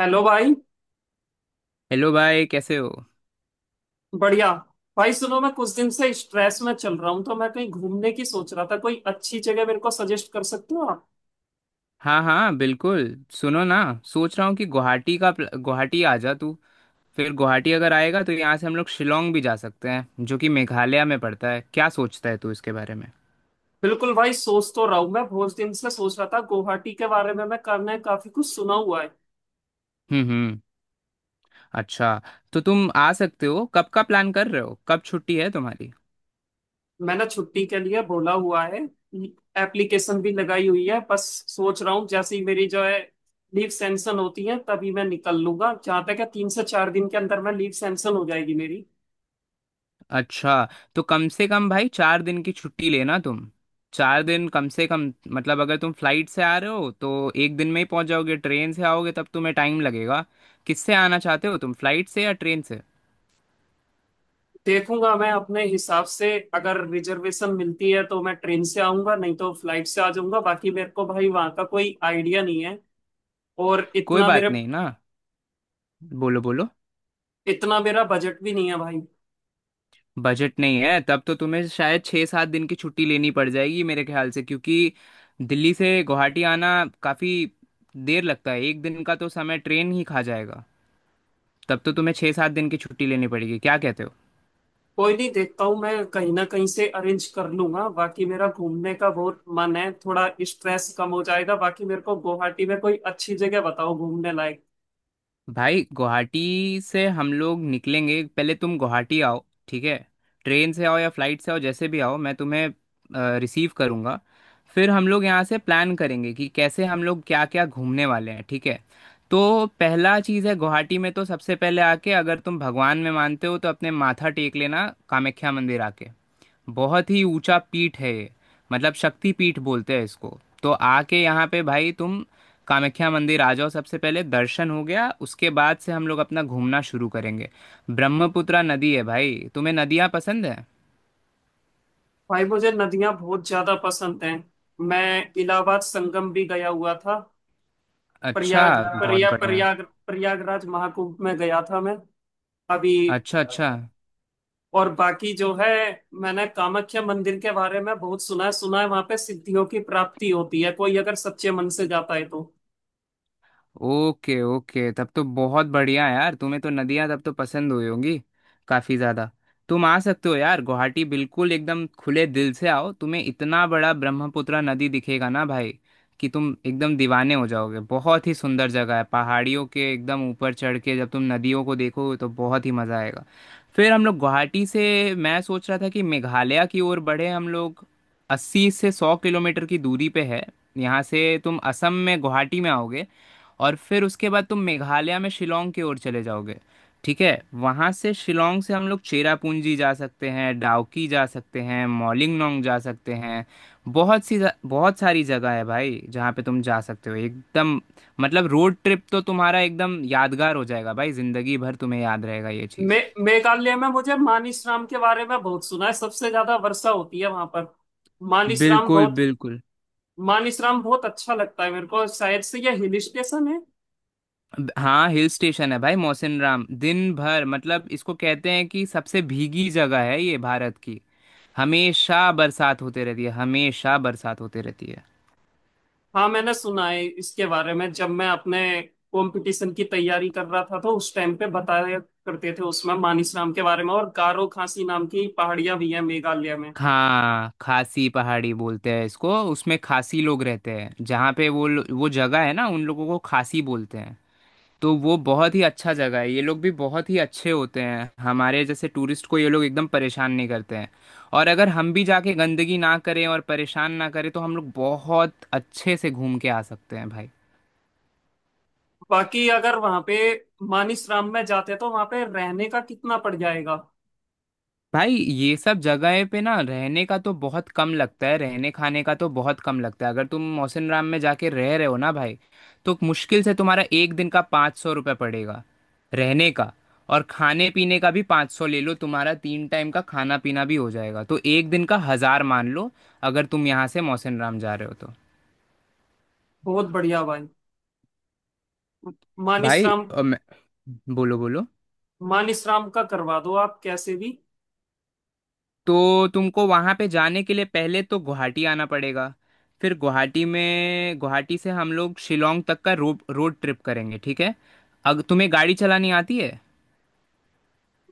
Hello भाई। Hello भाई, कैसे हो। बढ़िया। भाई सुनो, मैं कुछ दिन से स्ट्रेस में चल रहा हूँ, तो मैं कहीं घूमने की सोच रहा था। कोई अच्छी जगह मेरे को सजेस्ट कर सकते हो आप? हाँ हाँ बिल्कुल। सुनो ना, सोच रहा हूँ कि गुवाहाटी का गुवाहाटी आ जा तू। फिर गुवाहाटी अगर आएगा तो यहाँ से हम लोग शिलोंग भी जा सकते हैं, जो कि मेघालय में पड़ता है। क्या सोचता है तू इसके बारे में? बिल्कुल भाई, सोच तो रहा हूँ। मैं बहुत दिन से सोच रहा था गुवाहाटी के बारे में, मैं करने काफी कुछ सुना हुआ है। हम्म। अच्छा, तो तुम आ सकते हो? कब का प्लान कर रहे हो, कब छुट्टी है तुम्हारी? मैंने छुट्टी के लिए बोला हुआ है। एप्लीकेशन भी लगाई हुई है। बस सोच रहा हूँ, जैसे ही मेरी जो है लीव सैंक्शन होती है, तभी मैं निकल लूंगा। जहां तक है, 3 से 4 दिन के अंदर मैं लीव सैंक्शन हो जाएगी मेरी। अच्छा, तो कम से कम भाई 4 दिन की छुट्टी लेना तुम। 4 दिन कम से कम। मतलब अगर तुम फ्लाइट से आ रहे हो तो एक दिन में ही पहुंच जाओगे, ट्रेन से आओगे तब तुम्हें टाइम लगेगा। किससे आना चाहते हो तुम, फ्लाइट से या ट्रेन से? देखूंगा मैं अपने हिसाब से। अगर रिजर्वेशन मिलती है तो मैं ट्रेन से आऊंगा, नहीं तो फ्लाइट से आ जाऊंगा। बाकी मेरे को भाई वहां का कोई आइडिया नहीं है। और कोई इतना मेरे बात नहीं ना। बोलो बोलो। इतना मेरा बजट भी नहीं है भाई। बजट नहीं है तब तो तुम्हें शायद 6-7 दिन की छुट्टी लेनी पड़ जाएगी मेरे ख्याल से, क्योंकि दिल्ली से गुवाहाटी आना काफ़ी देर लगता है, एक दिन का तो समय ट्रेन ही खा जाएगा। तब तो तुम्हें 6-7 दिन की छुट्टी लेनी पड़ेगी, क्या कहते हो? कोई नहीं, देखता हूँ, मैं कहीं ना कहीं से अरेंज कर लूंगा। बाकी मेरा घूमने का बहुत मन है, थोड़ा स्ट्रेस कम हो जाएगा। बाकी मेरे को गुवाहाटी में कोई अच्छी जगह बताओ घूमने लायक। भाई गुवाहाटी से हम लोग निकलेंगे, पहले तुम गुवाहाटी आओ, ठीक है। ट्रेन से आओ या फ्लाइट से आओ, जैसे भी आओ मैं तुम्हें रिसीव करूँगा। फिर हम लोग यहाँ से प्लान करेंगे कि कैसे हम लोग क्या क्या घूमने वाले हैं, ठीक है। तो पहला चीज़ है गुवाहाटी में, तो सबसे पहले आके अगर तुम भगवान में मानते हो तो अपने माथा टेक लेना कामाख्या मंदिर आके। बहुत ही ऊंचा पीठ है ये, मतलब शक्ति पीठ बोलते हैं इसको। तो आके यहाँ पे भाई तुम कामाख्या मंदिर आ जाओ सबसे पहले, दर्शन हो गया उसके बाद से हम लोग अपना घूमना शुरू करेंगे। ब्रह्मपुत्रा नदी है भाई, तुम्हें नदियाँ पसंद है? भाई मुझे नदियां बहुत ज्यादा पसंद हैं। मैं इलाहाबाद संगम भी गया हुआ था। अच्छा। प्रयाग। बहुत बढ़िया। प्रयागराज महाकुंभ में गया था मैं अभी। अच्छा अच्छा। और बाकी जो है, मैंने कामाख्या मंदिर के बारे में बहुत सुना है। सुना है वहां पे सिद्धियों की प्राप्ति होती है, कोई अगर सच्चे मन से जाता है तो। ओके ओके, तब तो बहुत बढ़िया यार, तुम्हें तो नदियाँ तब तो पसंद हुई होंगी काफ़ी ज़्यादा। तुम आ सकते हो यार गुवाहाटी, बिल्कुल एकदम खुले दिल से आओ। तुम्हें इतना बड़ा ब्रह्मपुत्र नदी दिखेगा ना भाई कि तुम एकदम दीवाने हो जाओगे। बहुत ही सुंदर जगह है, पहाड़ियों के एकदम ऊपर चढ़ के जब तुम नदियों को देखोगे तो बहुत ही मज़ा आएगा। फिर हम लोग गुवाहाटी से, मैं सोच रहा था कि मेघालय की ओर बढ़े हम लोग। 80 से 100 किलोमीटर की दूरी पे है यहाँ से। तुम असम में गुवाहाटी में आओगे और फिर उसके बाद तुम मेघालय में शिलोंग की ओर चले जाओगे, ठीक है। वहां से शिलोंग से हम लोग चेरापूंजी जा सकते हैं, डाउकी जा सकते हैं, मॉलिंगनोंग जा सकते हैं। बहुत सी, बहुत सारी जगह है भाई जहाँ पे तुम जा सकते हो एकदम। मतलब रोड ट्रिप तो तुम्हारा एकदम यादगार हो जाएगा भाई, जिंदगी भर तुम्हें याद रहेगा ये मे चीज़। मेघालय में मुझे मानिसराम के बारे में बहुत सुना है, सबसे ज्यादा वर्षा होती है वहां पर। मानिसराम बिल्कुल बहुत बिल्कुल। मानिसराम बहुत अच्छा लगता है मेरे को, शायद से ये हिल स्टेशन है। हाँ हिल स्टेशन है भाई, मौसिन राम दिन भर, मतलब इसको कहते हैं कि सबसे भीगी जगह है ये भारत की। हमेशा बरसात होते रहती है, हमेशा बरसात होते रहती है। हाँ, मैंने सुना है इसके बारे में। जब मैं अपने कंपटीशन की तैयारी कर रहा था, तो उस टाइम पे बताया करते थे उसमें मानिसराम के बारे में। और गारो खासी नाम की पहाड़ियां भी हैं मेघालय में। हाँ खासी पहाड़ी बोलते हैं इसको, उसमें खासी लोग रहते हैं जहाँ पे, वो जगह है ना, उन लोगों को खासी बोलते हैं। तो वो बहुत ही अच्छा जगह है, ये लोग भी बहुत ही अच्छे होते हैं, हमारे जैसे टूरिस्ट को ये लोग एकदम परेशान नहीं करते हैं। और अगर हम भी जाके गंदगी ना करें और परेशान ना करें तो हम लोग बहुत अच्छे से घूम के आ सकते हैं भाई। बाकी अगर वहां पे मानिसराम में जाते तो वहां पे रहने का कितना पड़ जाएगा? भाई ये सब जगह पे ना रहने का तो बहुत कम लगता है, रहने खाने का तो बहुत कम लगता है। अगर तुम मौसिन राम में जाके रह रहे हो ना भाई, तो मुश्किल से तुम्हारा एक दिन का 500 रुपये पड़ेगा रहने का। और खाने पीने का भी 500 ले लो, तुम्हारा तीन टाइम का खाना पीना भी हो जाएगा। तो एक दिन का हज़ार मान लो, अगर तुम यहाँ से मौसिन राम जा रहे हो तो। बहुत बढ़िया भाई। भाई मानिसराम बोलो बोलो। मान इसराम का करवा दो आप कैसे भी। तो तुमको वहाँ पे जाने के लिए पहले तो गुवाहाटी आना पड़ेगा। फिर गुवाहाटी में, गुवाहाटी से हम लोग शिलोंग तक का रोड ट्रिप करेंगे, ठीक है। अगर तुम्हें गाड़ी चलानी आती है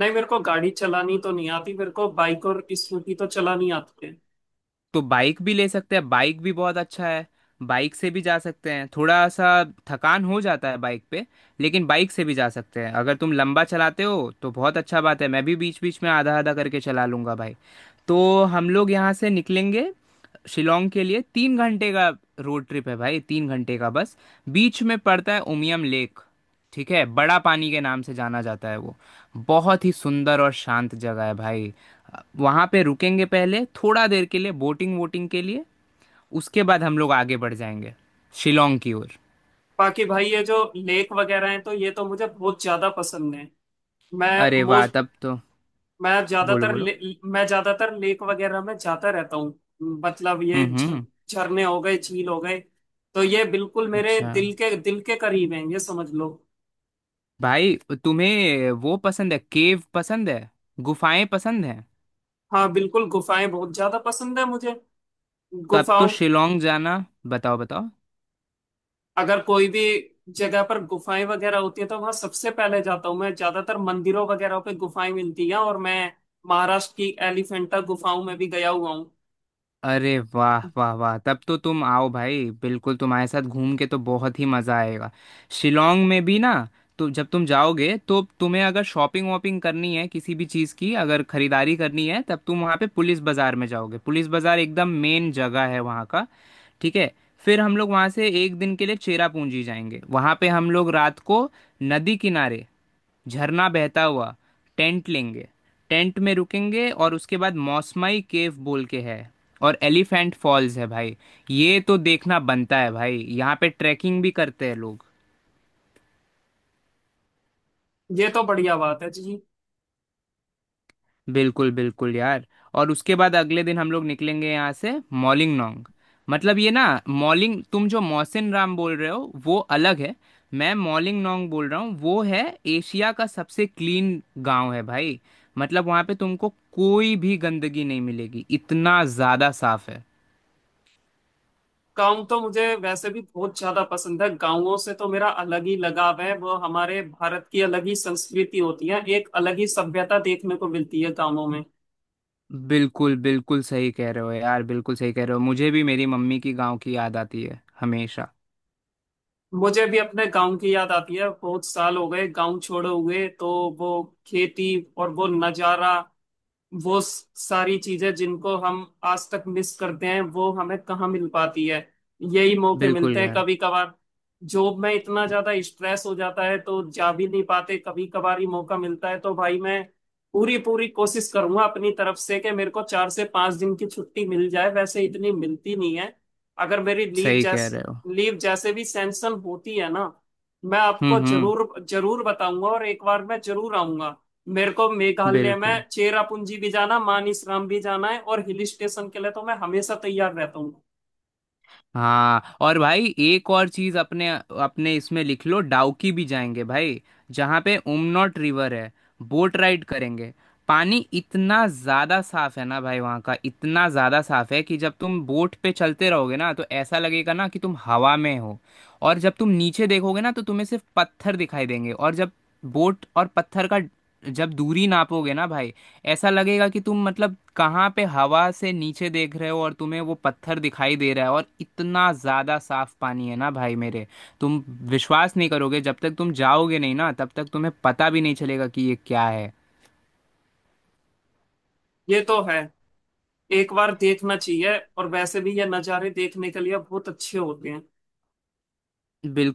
नहीं, मेरे को गाड़ी चलानी तो नहीं आती, मेरे को बाइक और स्कूटी तो चलानी आती है। तो बाइक भी ले सकते हैं, बाइक भी बहुत अच्छा है। बाइक से भी जा सकते हैं, थोड़ा सा थकान हो जाता है बाइक पे, लेकिन बाइक से भी जा सकते हैं। अगर तुम लंबा चलाते हो तो बहुत अच्छा बात है, मैं भी बीच बीच में आधा आधा करके चला लूंगा भाई। तो हम लोग यहाँ से निकलेंगे शिलोंग के लिए, 3 घंटे का रोड ट्रिप है भाई, 3 घंटे का बस। बीच में पड़ता है उमियम लेक, ठीक है, बड़ा पानी के नाम से जाना जाता है वो। बहुत ही सुंदर और शांत जगह है भाई। वहां पे रुकेंगे पहले थोड़ा देर के लिए बोटिंग वोटिंग के लिए, उसके बाद हम लोग आगे बढ़ जाएंगे शिलोंग की ओर। बाकी भाई ये जो लेक वगैरह हैं, तो ये तो मुझे बहुत ज्यादा पसंद है। मैं अरे वाह मोस्ट तब तो, मैं बोलो ज्यादातर बोलो। ले- मैं ज्यादातर लेक वगैरह में जाता रहता हूँ। मतलब ये हम्म। झरने हो गए, झील हो गए, तो ये बिल्कुल मेरे अच्छा दिल के करीब हैं, ये समझ लो। भाई, तुम्हें वो पसंद है, केव पसंद है, गुफाएं पसंद है? हाँ बिल्कुल, गुफाएं बहुत ज्यादा पसंद है मुझे। तब तो गुफाओं शिलोंग जाना। बताओ बताओ। अगर कोई भी जगह पर गुफाएं वगैरह होती है, तो वहां सबसे पहले जाता हूँ। मैं ज्यादातर मंदिरों वगैरह पे गुफाएं मिलती हैं, और मैं महाराष्ट्र की एलिफेंटा गुफाओं में भी गया हुआ हूँ। अरे वाह वाह वाह, तब तो तुम आओ भाई बिल्कुल, तुम्हारे साथ घूम के तो बहुत ही मज़ा आएगा। शिलोंग में भी ना, तो जब तुम जाओगे तो तुम्हें अगर शॉपिंग वॉपिंग करनी है, किसी भी चीज़ की अगर खरीदारी करनी है तब तुम वहाँ पे पुलिस बाज़ार में जाओगे, पुलिस बाज़ार एकदम मेन जगह है वहाँ का, ठीक है। फिर हम लोग वहाँ से एक दिन के लिए चेरापूंजी जाएंगे, वहाँ पे हम लोग रात को नदी किनारे, झरना बहता हुआ, टेंट लेंगे, टेंट में रुकेंगे। और उसके बाद मौसमाई केव बोल के है, और एलिफेंट फॉल्स है भाई। ये तो देखना बनता है भाई, यहाँ पे ट्रैकिंग भी करते हैं लोग। ये तो बढ़िया बात है जी। बिल्कुल बिल्कुल यार। और उसके बाद अगले दिन हम लोग निकलेंगे यहाँ से मॉलिंगनोंग। मतलब ये ना, मॉलिंग तुम जो मौसिन राम बोल रहे हो वो अलग है, मैं मॉलिंगनोंग बोल रहा हूँ। वो है एशिया का सबसे क्लीन गांव है भाई, मतलब वहाँ पे तुमको कोई भी गंदगी नहीं मिलेगी, इतना ज़्यादा साफ है। गाँव तो मुझे वैसे भी बहुत ज्यादा पसंद है, गाँवों से तो मेरा अलग ही लगाव है। वो हमारे भारत की अलग ही संस्कृति होती है, एक अलग ही सभ्यता देखने को मिलती है गाँवों में। बिल्कुल बिल्कुल सही कह रहे हो यार, बिल्कुल सही कह रहे हो। मुझे भी मेरी मम्मी की गांव की याद आती है हमेशा। मुझे भी अपने गांव की याद आती है। बहुत साल हो गए गांव छोड़े हुए, तो वो खेती और वो नजारा, वो सारी चीजें जिनको हम आज तक मिस करते हैं, वो हमें कहाँ मिल पाती है? यही मौके बिल्कुल मिलते हैं यार। कभी कभार। जॉब में इतना ज्यादा स्ट्रेस हो जाता है, तो जा भी नहीं पाते, कभी कभार ही मौका मिलता है। तो भाई मैं पूरी पूरी कोशिश करूंगा अपनी तरफ से, कि मेरे को 4 से 5 दिन की छुट्टी मिल जाए। वैसे इतनी मिलती नहीं है। अगर मेरी लीव सही कह जैस रहे हो। लीव जैसे भी सैंक्शन होती है ना, मैं आपको हम्म। जरूर जरूर बताऊंगा। और एक बार मैं जरूर आऊंगा। मेरे को मेघालय बिल्कुल। में चेरापूंजी भी जाना, मानिसराम भी जाना है। और हिल स्टेशन के लिए तो मैं हमेशा तैयार रहता हूँ। हाँ और भाई एक और चीज अपने अपने इसमें लिख लो, डाउकी भी जाएंगे भाई जहाँ पे उमनॉट रिवर है, बोट राइड करेंगे। पानी इतना ज्यादा साफ है ना भाई वहाँ का, इतना ज्यादा साफ है कि जब तुम बोट पे चलते रहोगे ना तो ऐसा लगेगा ना कि तुम हवा में हो। और जब तुम नीचे देखोगे ना तो तुम्हें सिर्फ पत्थर दिखाई देंगे, और जब बोट और पत्थर का जब दूरी नापोगे ना भाई, ऐसा लगेगा कि तुम मतलब कहाँ पे हवा से नीचे देख रहे हो और तुम्हें वो पत्थर दिखाई दे रहा है, और इतना ज़्यादा साफ पानी है ना भाई मेरे। तुम विश्वास नहीं करोगे, जब तक तुम जाओगे नहीं ना तब तक तुम्हें पता भी नहीं चलेगा कि ये क्या है। ये तो है, एक बार देखना चाहिए। और वैसे भी ये नज़ारे देखने के लिए बहुत अच्छे होते हैं।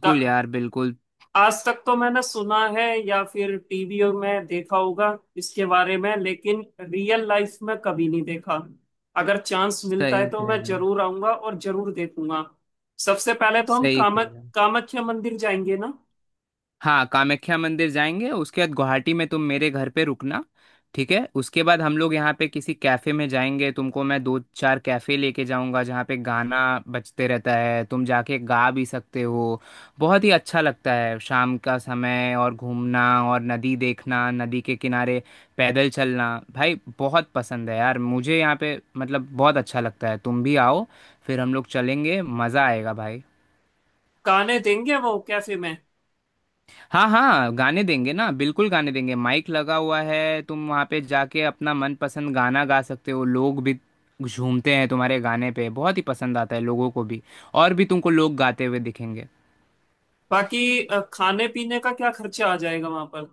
ता- यार बिल्कुल। आज तक तो मैंने सुना है, या फिर टीवी में देखा होगा इसके बारे में, लेकिन रियल लाइफ में कभी नहीं देखा। अगर चांस मिलता है सही तो कह मैं रहे हो। जरूर आऊंगा और जरूर देखूंगा। सबसे पहले तो हम सही कह कामक रहे हो। कामाख्या मंदिर जाएंगे ना? हाँ कामाख्या मंदिर जाएंगे, उसके बाद गुवाहाटी में तुम मेरे घर पे रुकना, ठीक है। उसके बाद हम लोग यहाँ पे किसी कैफ़े में जाएंगे, तुमको मैं दो चार कैफ़े लेके जाऊंगा जहाँ पे गाना बजते रहता है, तुम जाके गा भी सकते हो। बहुत ही अच्छा लगता है शाम का समय और घूमना, और नदी देखना, नदी के किनारे पैदल चलना भाई, बहुत पसंद है यार मुझे यहाँ पे, मतलब बहुत अच्छा लगता है। तुम भी आओ, फिर हम लोग चलेंगे, मज़ा आएगा भाई। गाने देंगे वो कैफे में? हाँ हाँ गाने देंगे ना, बिल्कुल गाने देंगे, माइक लगा हुआ है, तुम वहाँ पे जाके अपना मनपसंद गाना गा सकते हो, लोग भी झूमते हैं तुम्हारे गाने पे, बहुत ही पसंद आता है लोगों को भी, और भी तुमको लोग गाते हुए दिखेंगे। बाकी खाने पीने का क्या खर्चा आ जाएगा वहां पर?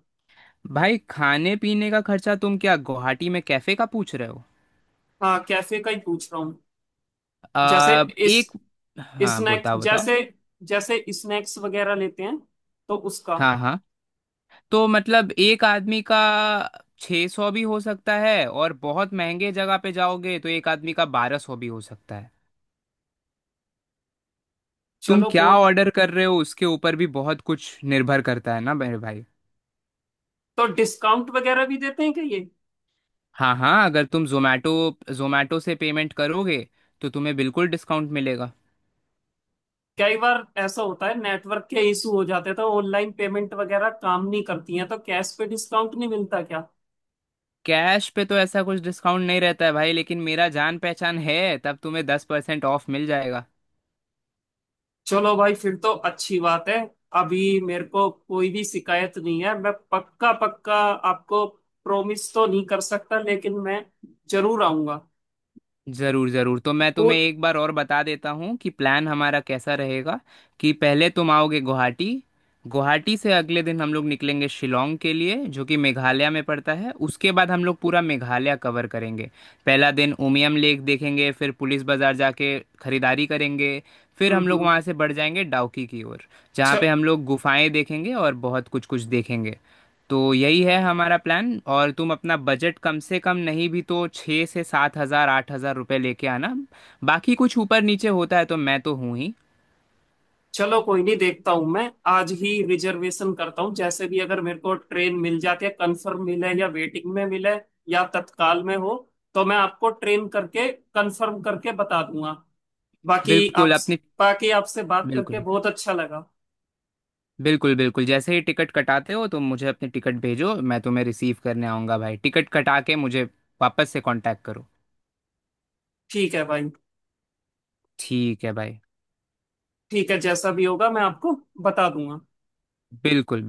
भाई खाने पीने का खर्चा, तुम क्या गुवाहाटी में कैफे का पूछ रहे हो? हाँ, कैफे का ही पूछ रहा हूँ। जैसे, आ, इस एक हाँ स्नैक्स बताओ बताओ। जैसे, स्नैक्स वगैरह लेते हैं, तो उसका। हाँ हाँ, तो मतलब एक आदमी का 600 सौ भी हो सकता है, और बहुत महंगे जगह पे जाओगे तो एक आदमी का 1200 भी हो सकता है। तुम चलो क्या को ऑर्डर कर रहे हो उसके ऊपर भी बहुत कुछ निर्भर करता है ना मेरे भाई। तो डिस्काउंट वगैरह भी देते हैं क्या ये? हाँ हाँ अगर तुम जोमेटो जोमेटो से पेमेंट करोगे तो तुम्हें बिल्कुल डिस्काउंट मिलेगा। कई बार ऐसा होता है, नेटवर्क के इशू हो जाते हैं, तो ऑनलाइन पेमेंट वगैरह काम नहीं करती है, तो कैश पे डिस्काउंट नहीं मिलता क्या? कैश पे तो ऐसा कुछ डिस्काउंट नहीं रहता है भाई, लेकिन मेरा जान पहचान है तब तुम्हें 10% ऑफ मिल जाएगा। चलो भाई, फिर तो अच्छी बात है। अभी मेरे को कोई भी शिकायत नहीं है। मैं पक्का पक्का आपको प्रॉमिस तो नहीं कर सकता, लेकिन मैं जरूर आऊंगा। ज़रूर ज़रूर, तो मैं पूर तुम्हें एक बार और बता देता हूँ कि प्लान हमारा कैसा रहेगा। कि पहले तुम आओगे गुवाहाटी, गुवाहाटी से अगले दिन हम लोग निकलेंगे शिलोंग के लिए जो कि मेघालय में पड़ता है, उसके बाद हम लोग पूरा मेघालय कवर करेंगे। पहला दिन उमियम लेक देखेंगे, फिर पुलिस बाज़ार जाके खरीदारी करेंगे, फिर हम्म, हम लोग हम्म। वहाँ से बढ़ जाएंगे डाउकी की ओर जहाँ पे च- हम लोग गुफाएं देखेंगे और बहुत कुछ कुछ देखेंगे। तो यही है हमारा प्लान, और तुम अपना बजट कम से कम नहीं भी तो 6 से 7,000-8,000 रुपये लेके आना, बाकी कुछ ऊपर नीचे होता है तो मैं तो हूँ ही। चलो, कोई नहीं। देखता हूँ, मैं आज ही रिजर्वेशन करता हूँ। जैसे भी, अगर मेरे को ट्रेन मिल जाती है, कंफर्म मिले या वेटिंग में मिले या तत्काल में हो, तो मैं आपको ट्रेन करके कंफर्म करके बता दूंगा। बाकी बिल्कुल आप अपनी बाकी आपसे बात करके बिल्कुल बहुत अच्छा लगा। बिल्कुल। बिल्कुल जैसे ही टिकट कटाते हो तो मुझे अपनी टिकट भेजो, मैं तुम्हें रिसीव करने आऊँगा भाई, टिकट कटा के मुझे वापस से कांटेक्ट करो, ठीक है भाई। ठीक है भाई। ठीक है, जैसा भी होगा मैं आपको बता दूंगा। बिल्कुल।